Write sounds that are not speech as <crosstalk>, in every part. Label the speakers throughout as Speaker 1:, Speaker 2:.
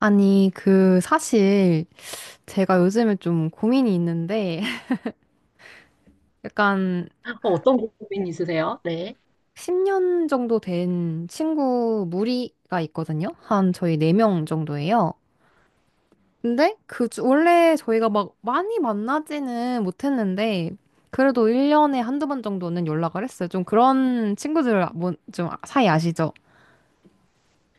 Speaker 1: 아니, 그, 사실, 제가 요즘에 좀 고민이 있는데, <laughs> 약간,
Speaker 2: 어떤 고민 있으세요? 네.
Speaker 1: 10년 정도 된 친구 무리가 있거든요? 한 저희 4명 정도예요. 근데, 그, 원래 저희가 막 많이 만나지는 못했는데, 그래도 1년에 한두 번 정도는 연락을 했어요. 좀 그런 친구들, 아, 뭐, 좀 사이 아시죠?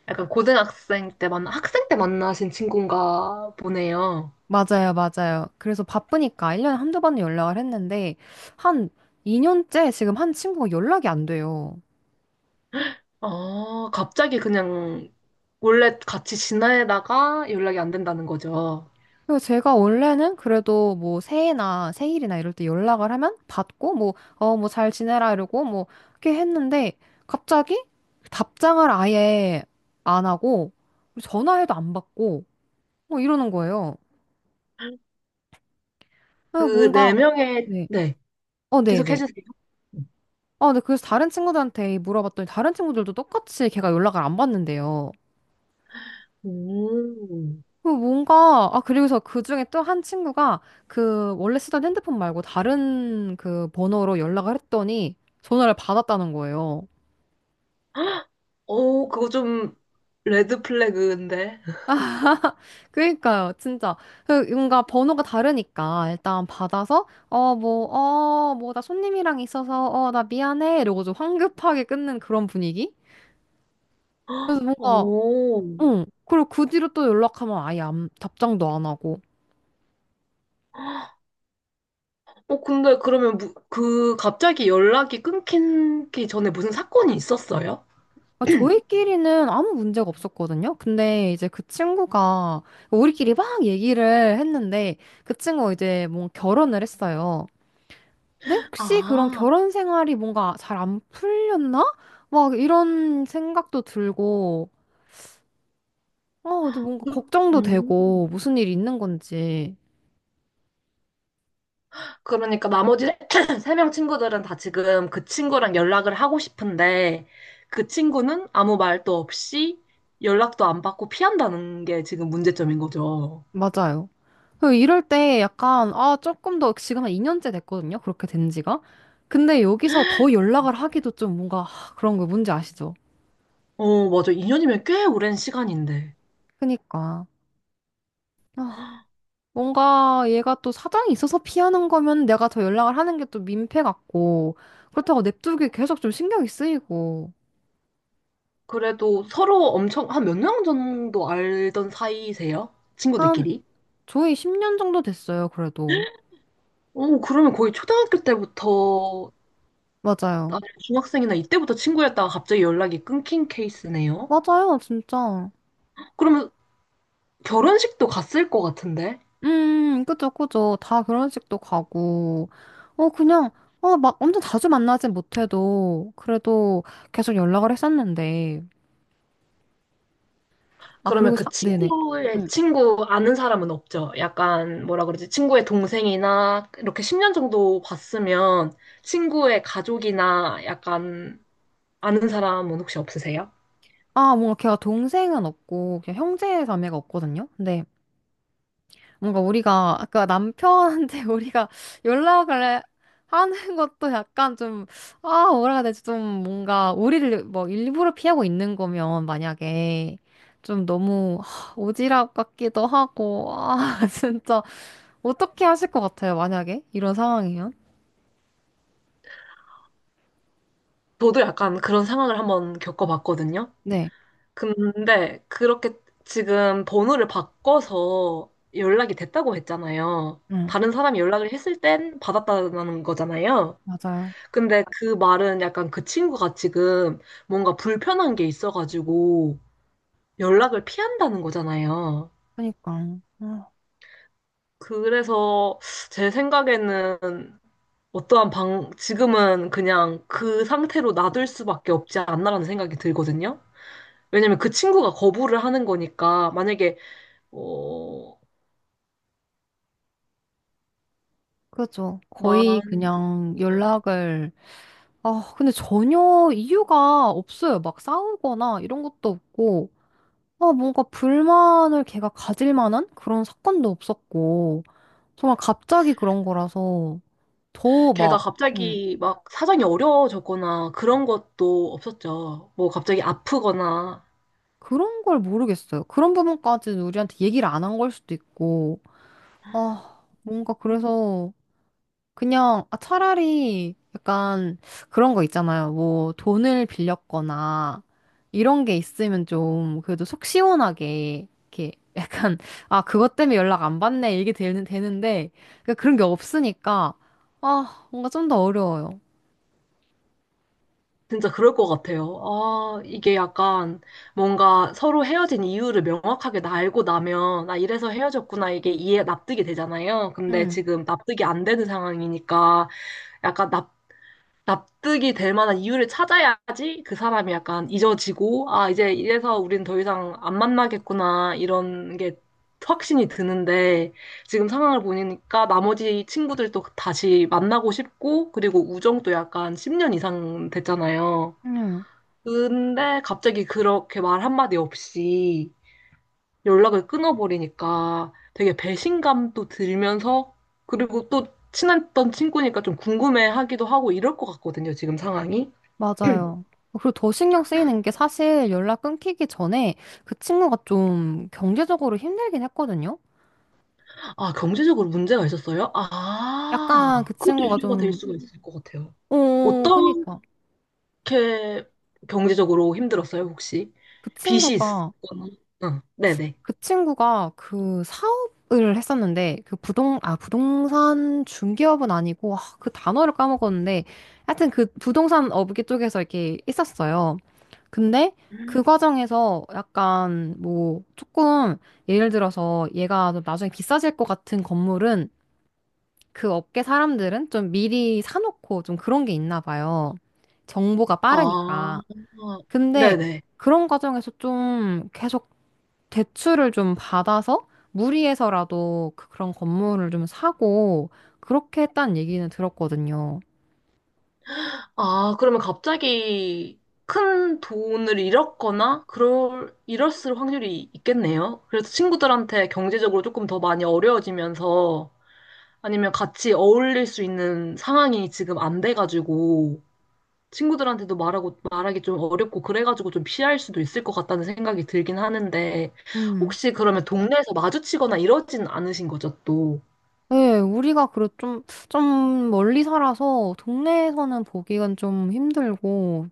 Speaker 2: 약간 고등학생 때 학생 때 만나신 친구인가 보네요.
Speaker 1: 맞아요, 맞아요. 그래서 바쁘니까 1년에 한두 번은 연락을 했는데, 한 2년째 지금 한 친구가 연락이 안 돼요.
Speaker 2: 아, 갑자기 그냥 원래 같이 지내다가 연락이 안 된다는 거죠.
Speaker 1: 그리고 제가 원래는 그래도 뭐 새해나 생일이나 이럴 때 연락을 하면 받고 뭐, 어, 뭐 잘 지내라 이러고 뭐 이렇게 했는데 갑자기 답장을 아예 안 하고 전화해도 안 받고 뭐 이러는 거예요. 그래서
Speaker 2: 그
Speaker 1: 뭔가,
Speaker 2: 네 명의,
Speaker 1: 네.
Speaker 2: 네.
Speaker 1: 어,
Speaker 2: 계속
Speaker 1: 네네.
Speaker 2: 해주세요.
Speaker 1: 어, 네. 그래서 다른 친구들한테 물어봤더니 다른 친구들도 똑같이 걔가 연락을 안 받는데요.
Speaker 2: 음.
Speaker 1: 그 뭔가, 아, 그리고서 그 중에 또 한 친구가 그 원래 쓰던 핸드폰 말고 다른 그 번호로 연락을 했더니 전화를 받았다는 거예요.
Speaker 2: 오, 그거 좀 레드 플래그인데.
Speaker 1: 그러니까요, 진짜. 그 뭔가 번호가 다르니까 일단 받아서, 어, 뭐, 어, 뭐, 나 손님이랑 있어서, 어, 나 미안해. 이러고 좀 황급하게 끊는 그런 분위기?
Speaker 2: <gasps>
Speaker 1: 그래서 뭔가,
Speaker 2: 오.
Speaker 1: 응. 그리고 그 뒤로 또 연락하면 아예 안- 답장도 안 하고.
Speaker 2: 근데 그러면 그 갑자기 연락이 끊기기 전에 무슨 사건이 있었어요?
Speaker 1: 아, 저희끼리는 아무 문제가 없었거든요. 근데 이제 그 친구가 우리끼리 막 얘기를 했는데 그 친구가 이제 뭐 결혼을 했어요. 근데 혹시 그런
Speaker 2: 아,
Speaker 1: 결혼 생활이 뭔가 잘 안 풀렸나? 막 이런 생각도 들고, 어, 또 뭔가 걱정도
Speaker 2: 음.
Speaker 1: 되고 무슨 일이 있는 건지.
Speaker 2: 그러니까 나머지 <clears throat> 세 명 친구들은 다 지금 그 친구랑 연락을 하고 싶은데 그 친구는 아무 말도 없이 연락도 안 받고 피한다는 게 지금 문제점인 거죠.
Speaker 1: 맞아요. 그 이럴 때 약간 아, 조금 더 지금 한 2년째 됐거든요. 그렇게 된 지가. 근데 여기서 더 연락을 하기도 좀 뭔가 하, 그런 거 뭔지 아시죠?
Speaker 2: 어, 맞아. 2년이면 꽤 오랜 시간인데.
Speaker 1: 그니까. 아, 뭔가 얘가 또 사정이 있어서 피하는 거면 내가 더 연락을 하는 게 또 민폐 같고, 그렇다고 냅두기 계속 좀 신경이 쓰이고.
Speaker 2: 그래도 서로 엄청 한 몇 년 정도 알던 사이세요?
Speaker 1: 한,
Speaker 2: 친구들끼리?
Speaker 1: 저희 10년 정도 됐어요, 그래도.
Speaker 2: 그러면 거의 초등학교 때부터
Speaker 1: 맞아요.
Speaker 2: 아니면 중학생이나 이때부터 친구였다가 갑자기 연락이 끊긴 케이스네요.
Speaker 1: 맞아요, 진짜.
Speaker 2: 그러면 결혼식도 갔을 것 같은데?
Speaker 1: 그죠, 그죠. 다 결혼식도 가고. 어, 그냥, 어, 막 엄청 자주 만나진 못해도, 그래도 계속 연락을 했었는데. 아,
Speaker 2: 그러면
Speaker 1: 그리고,
Speaker 2: 그
Speaker 1: 사, 네네.
Speaker 2: 친구의
Speaker 1: 응.
Speaker 2: 친구 아는 사람은 없죠. 약간 뭐라 그러지? 친구의 동생이나 이렇게 10년 정도 봤으면 친구의 가족이나 약간 아는 사람은 혹시 없으세요?
Speaker 1: 아, 뭔가 걔가 동생은 없고, 그냥 형제 자매가 없거든요? 근데 뭔가 우리가 아까 남편한테 <laughs> 우리가 연락을 하는 것도 약간 좀, 아, 뭐라 해야 되지? 좀 뭔가 우리를 뭐 일부러 피하고 있는 거면 만약에 좀 너무 하, 오지랖 같기도 하고, 아, <laughs> 진짜 어떻게 하실 것 같아요? 만약에 이런 상황이면?
Speaker 2: 저도 약간 그런 상황을 한번 겪어봤거든요.
Speaker 1: 네,
Speaker 2: 근데 그렇게 지금 번호를 바꿔서 연락이 됐다고 했잖아요.
Speaker 1: 응,
Speaker 2: 다른 사람이 연락을 했을 땐 받았다는 거잖아요.
Speaker 1: 맞아요.
Speaker 2: 근데 그 말은 약간 그 친구가 지금 뭔가 불편한 게 있어가지고 연락을 피한다는 거잖아요.
Speaker 1: 그러니까, 어,
Speaker 2: 그래서 제 생각에는 지금은 그냥 그 상태로 놔둘 수밖에 없지 않나라는 생각이 들거든요. 왜냐면 그 친구가 거부를 하는 거니까, 만약에, 어,
Speaker 1: 그죠. 거의
Speaker 2: 만,
Speaker 1: 그냥 연락을, 아, 근데 전혀 이유가 없어요. 막 싸우거나 이런 것도 없고, 아, 뭔가 불만을 걔가 가질 만한 그런 사건도 없었고, 정말 갑자기 그런 거라서 더
Speaker 2: 걔가
Speaker 1: 막, 응,
Speaker 2: 갑자기 막 사정이 어려워졌거나 그런 것도 없었죠. 뭐 갑자기 아프거나
Speaker 1: 그런 걸 모르겠어요. 그런 부분까지는 우리한테 얘기를 안 한 걸 수도 있고, 아, 뭔가 그래서 그냥 아, 차라리 약간 그런 거 있잖아요. 뭐 돈을 빌렸거나 이런 게 있으면 좀 그래도 속 시원하게 이렇게 <laughs> 약간 아 그것 때문에 연락 안 받네 이게 되는데 그러니까 그런 게 없으니까 아 뭔가 좀 더 어려워요.
Speaker 2: 진짜 그럴 것 같아요. 아, 이게 약간 뭔가 서로 헤어진 이유를 명확하게 나 알고 나면, 아, 이래서 헤어졌구나, 이게 이해, 납득이 되잖아요. 근데
Speaker 1: 응
Speaker 2: 지금 납득이 안 되는 상황이니까 약간 납, 납득이 될 만한 이유를 찾아야지 그 사람이 약간 잊어지고, 아, 이제 이래서 우린 더 이상 안 만나겠구나, 이런 게 확신이 드는데, 지금 상황을 보니까 나머지 친구들도 다시 만나고 싶고, 그리고 우정도 약간 10년 이상 됐잖아요.
Speaker 1: 응
Speaker 2: 근데 갑자기 그렇게 말 한마디 없이 연락을 끊어버리니까 되게 배신감도 들면서 그리고 또 친했던 친구니까 좀 궁금해하기도 하고 이럴 것 같거든요, 지금 상황이.
Speaker 1: 맞아요. 그리고 더 신경 쓰이는 게 사실 연락 끊기기 전에 그 친구가 좀 경제적으로 힘들긴 했거든요.
Speaker 2: 아, 경제적으로 문제가 있었어요?
Speaker 1: 약간
Speaker 2: 아,
Speaker 1: 그
Speaker 2: 그것도
Speaker 1: 친구가
Speaker 2: 이유가 될
Speaker 1: 좀,
Speaker 2: 수가 있을 것 같아요.
Speaker 1: 어,
Speaker 2: 어떻게
Speaker 1: 그니까.
Speaker 2: 경제적으로 힘들었어요, 혹시?
Speaker 1: 그
Speaker 2: 빚이
Speaker 1: 친구가
Speaker 2: 있거나? 응, 네네.
Speaker 1: 그 친구가 그 사업을 했었는데 그 부동 아 부동산 중개업은 아니고 아, 그 단어를 까먹었는데 하여튼 그 부동산 업계 쪽에서 이렇게 있었어요. 근데 그 과정에서 약간 뭐 조금 예를 들어서 얘가 좀 나중에 비싸질 것 같은 건물은 그 업계 사람들은 좀 미리 사놓고 좀 그런 게 있나 봐요. 정보가
Speaker 2: 아,
Speaker 1: 빠르니까. 근데
Speaker 2: 네네.
Speaker 1: 그런 과정에서 좀 계속 대출을 좀 받아서 무리해서라도 그런 건물을 좀 사고 그렇게 했다는 얘기는 들었거든요.
Speaker 2: 아, 그러면 갑자기 큰 돈을 잃었거나, 그럴, 잃었을 확률이 있겠네요. 그래서 친구들한테 경제적으로 조금 더 많이 어려워지면서, 아니면 같이 어울릴 수 있는 상황이 지금 안 돼가지고, 친구들한테도 말하고, 말하기 좀 어렵고, 그래가지고 좀 피할 수도 있을 것 같다는 생각이 들긴 하는데,
Speaker 1: 음.
Speaker 2: 혹시 그러면 동네에서 마주치거나 이러진 않으신 거죠, 또?
Speaker 1: 네, 우리가 그래 좀, 좀 멀리 살아서 동네에서는 보기가 좀 힘들고,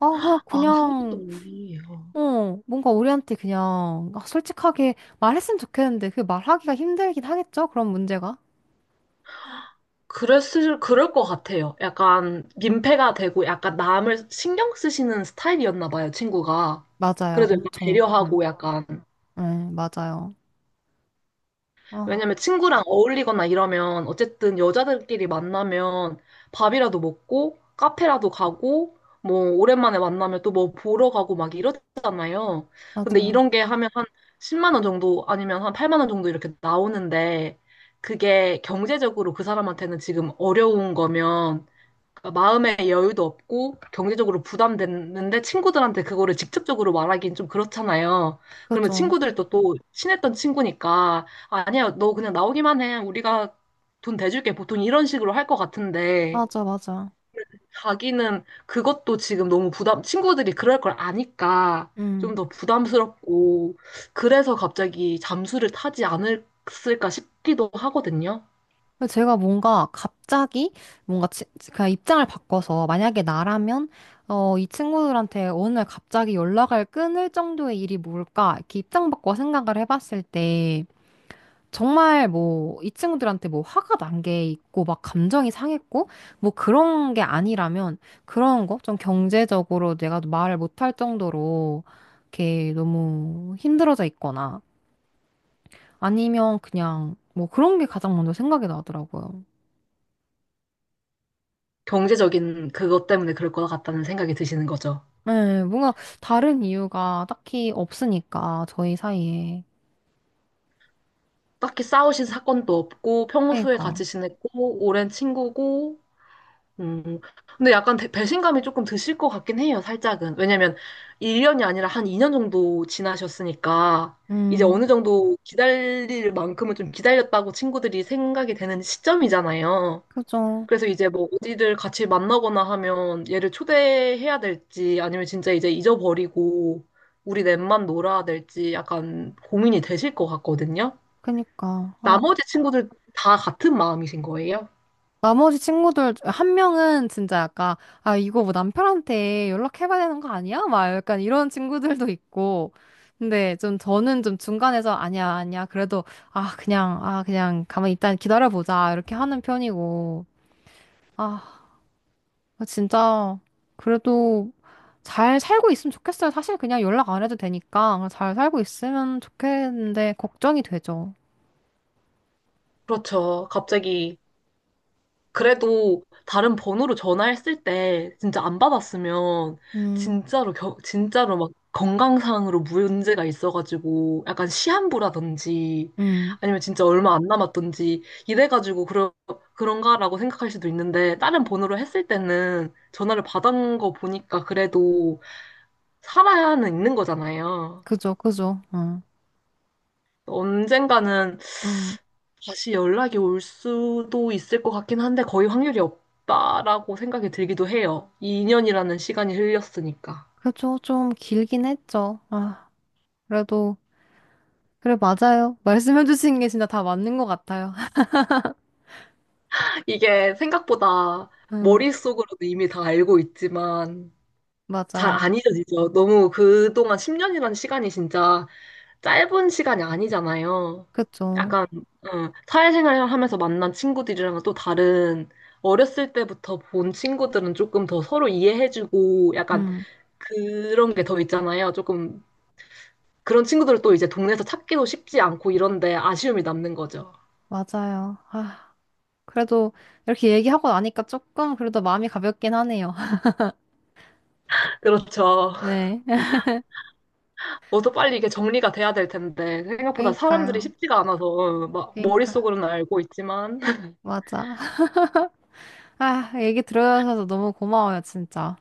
Speaker 1: 아, 그냥,
Speaker 2: 아, 서울도또
Speaker 1: 그냥,
Speaker 2: 멀리.
Speaker 1: 어, 뭔가 우리한테 그냥, 아, 솔직하게 말했으면 좋겠는데, 그 말하기가 힘들긴 하겠죠? 그런 문제가?
Speaker 2: 그랬을, 그럴 것 같아요. 약간 민폐가 되고 약간 남을 신경 쓰시는 스타일이었나 봐요, 친구가.
Speaker 1: 맞아요,
Speaker 2: 그래도 약간
Speaker 1: 엄청. 응,
Speaker 2: 배려하고 약간.
Speaker 1: 네, 맞아요. 아,
Speaker 2: 왜냐면 친구랑 어울리거나 이러면 어쨌든 여자들끼리 만나면 밥이라도 먹고 카페라도 가고 뭐 오랜만에 만나면 또 뭐 보러 가고 막 이러잖아요. 근데
Speaker 1: 맞아요.
Speaker 2: 이런 게 하면 한 10만 원 정도 아니면 한 8만 원 정도 이렇게 나오는데 그게 경제적으로 그 사람한테는 지금 어려운 거면 그러니까 마음의 여유도 없고 경제적으로 부담됐는데 친구들한테 그거를 직접적으로 말하기는 좀 그렇잖아요. 그러면
Speaker 1: 그죠.
Speaker 2: 친구들도 또 친했던 친구니까 아니야, 너 그냥 나오기만 해. 우리가 돈 대줄게. 보통 이런 식으로 할 것 같은데
Speaker 1: 맞아, 맞아.
Speaker 2: 자기는 그것도 지금 너무 부담, 친구들이 그럴 걸 아니까
Speaker 1: 음.
Speaker 2: 좀 더 부담스럽고 그래서 갑자기 잠수를 타지 않았을까 싶기도 하거든요.
Speaker 1: 근데 제가 뭔가 갑자기 뭔가 치- 그냥 입장을 바꿔서 만약에 나라면 어, 이 친구들한테 어느 날 갑자기 연락을 끊을 정도의 일이 뭘까 이렇게 입장 바꿔 생각을 해봤을 때 정말 뭐 이 친구들한테 뭐 화가 난 게 있고 막 감정이 상했고 뭐 그런 게 아니라면 그런 거 좀 경제적으로 내가 말을 못할 정도로 이렇게 너무 힘들어져 있거나 아니면 그냥 뭐 그런 게 가장 먼저 생각이 나더라고요.
Speaker 2: 경제적인 그것 때문에 그럴 것 같다는 생각이 드시는 거죠.
Speaker 1: 네, 뭔가 다른 이유가 딱히 없으니까, 저희 사이에.
Speaker 2: 딱히 싸우신 사건도 없고 평소에
Speaker 1: 그니까.
Speaker 2: 같이 지냈고 오랜 친구고. 음. 근데 약간 배신감이 조금 드실 것 같긴 해요, 살짝은. 왜냐면 1년이 아니라 한 2년 정도 지나셨으니까 이제
Speaker 1: 음,
Speaker 2: 어느 정도 기다릴 만큼은 좀 기다렸다고 친구들이 생각이 되는 시점이잖아요.
Speaker 1: 그죠.
Speaker 2: 그래서 이제 뭐 어디를 같이 만나거나 하면 얘를 초대해야 될지 아니면 진짜 이제 잊어버리고 우리 넷만 놀아야 될지 약간 고민이 되실 것 같거든요.
Speaker 1: 그니까. 아,
Speaker 2: 나머지 친구들 다 같은 마음이신 거예요?
Speaker 1: 나머지 친구들, 한 명은 진짜 약간, 아, 이거 뭐 남편한테 연락해봐야 되는 거 아니야? 막 약간 이런 친구들도 있고. 근데 좀 저는 좀 중간에서 아니야, 아니야. 그래도, 아, 그냥, 아, 그냥 가만히 일단 기다려보자. 이렇게 하는 편이고. 아, 아, 진짜 그래도 잘 살고 있으면 좋겠어요. 사실 그냥 연락 안 해도 되니까 그냥 잘 살고 있으면 좋겠는데 걱정이 되죠.
Speaker 2: 그렇죠. 갑자기 그래도 다른 번호로 전화했을 때 진짜 안 받았으면
Speaker 1: 음,
Speaker 2: 진짜로 막 건강상으로 문제가 있어가지고 약간 시한부라든지
Speaker 1: 음,
Speaker 2: 아니면 진짜 얼마 안 남았던지 그런가라고 생각할 수도 있는데 다른 번호로 했을 때는 전화를 받은 거 보니까 그래도 살아야는 있는 거잖아요.
Speaker 1: 그죠, 그죠,
Speaker 2: 언젠가는
Speaker 1: 음,
Speaker 2: 다시 연락이 올 수도 있을 것 같긴 한데 거의 확률이 없다라고 생각이 들기도 해요. 2년이라는 시간이 흘렸으니까.
Speaker 1: 그죠. 좀 길긴 했죠. 아, 그래도 그래 맞아요. <laughs> 말씀해주신 게 진짜 다 맞는 것 같아요. <laughs>
Speaker 2: 이게 생각보다
Speaker 1: 음,
Speaker 2: 머릿속으로도 이미 다 알고 있지만 잘
Speaker 1: 맞아,
Speaker 2: 안 잊어지죠. 너무 그동안 10년이라는 시간이 진짜 짧은 시간이 아니잖아요.
Speaker 1: 그죠.
Speaker 2: 약간 사회생활을 하면서 만난 친구들이랑은 또 다른 어렸을 때부터 본 친구들은 조금 더 서로 이해해주고 약간
Speaker 1: 음,
Speaker 2: 그런 게 더 있잖아요. 조금 그런 친구들을 또 이제 동네에서 찾기도 쉽지 않고 이런데 아쉬움이 남는 거죠.
Speaker 1: 맞아요. 아, 그래도 이렇게 얘기하고 나니까 조금 그래도 마음이 가볍긴 하네요. <laughs>
Speaker 2: 그렇죠.
Speaker 1: 네,
Speaker 2: 뭐도 빨리 이게 정리가 돼야 될 텐데 생각보다 사람들이
Speaker 1: 그러니까요,
Speaker 2: 쉽지가 않아서 막
Speaker 1: 그러니까
Speaker 2: 머릿속으로는 알고 있지만 <laughs>
Speaker 1: 맞아. 아, 얘기 들어주셔서 너무 고마워요, 진짜.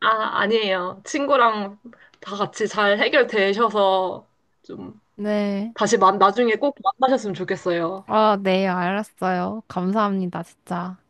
Speaker 2: 아, 아니에요. 친구랑 다 같이 잘 해결되셔서 좀
Speaker 1: 네.
Speaker 2: 나중에 꼭 만나셨으면 좋겠어요.
Speaker 1: 아, 네, 알았어요. 감사합니다, 진짜.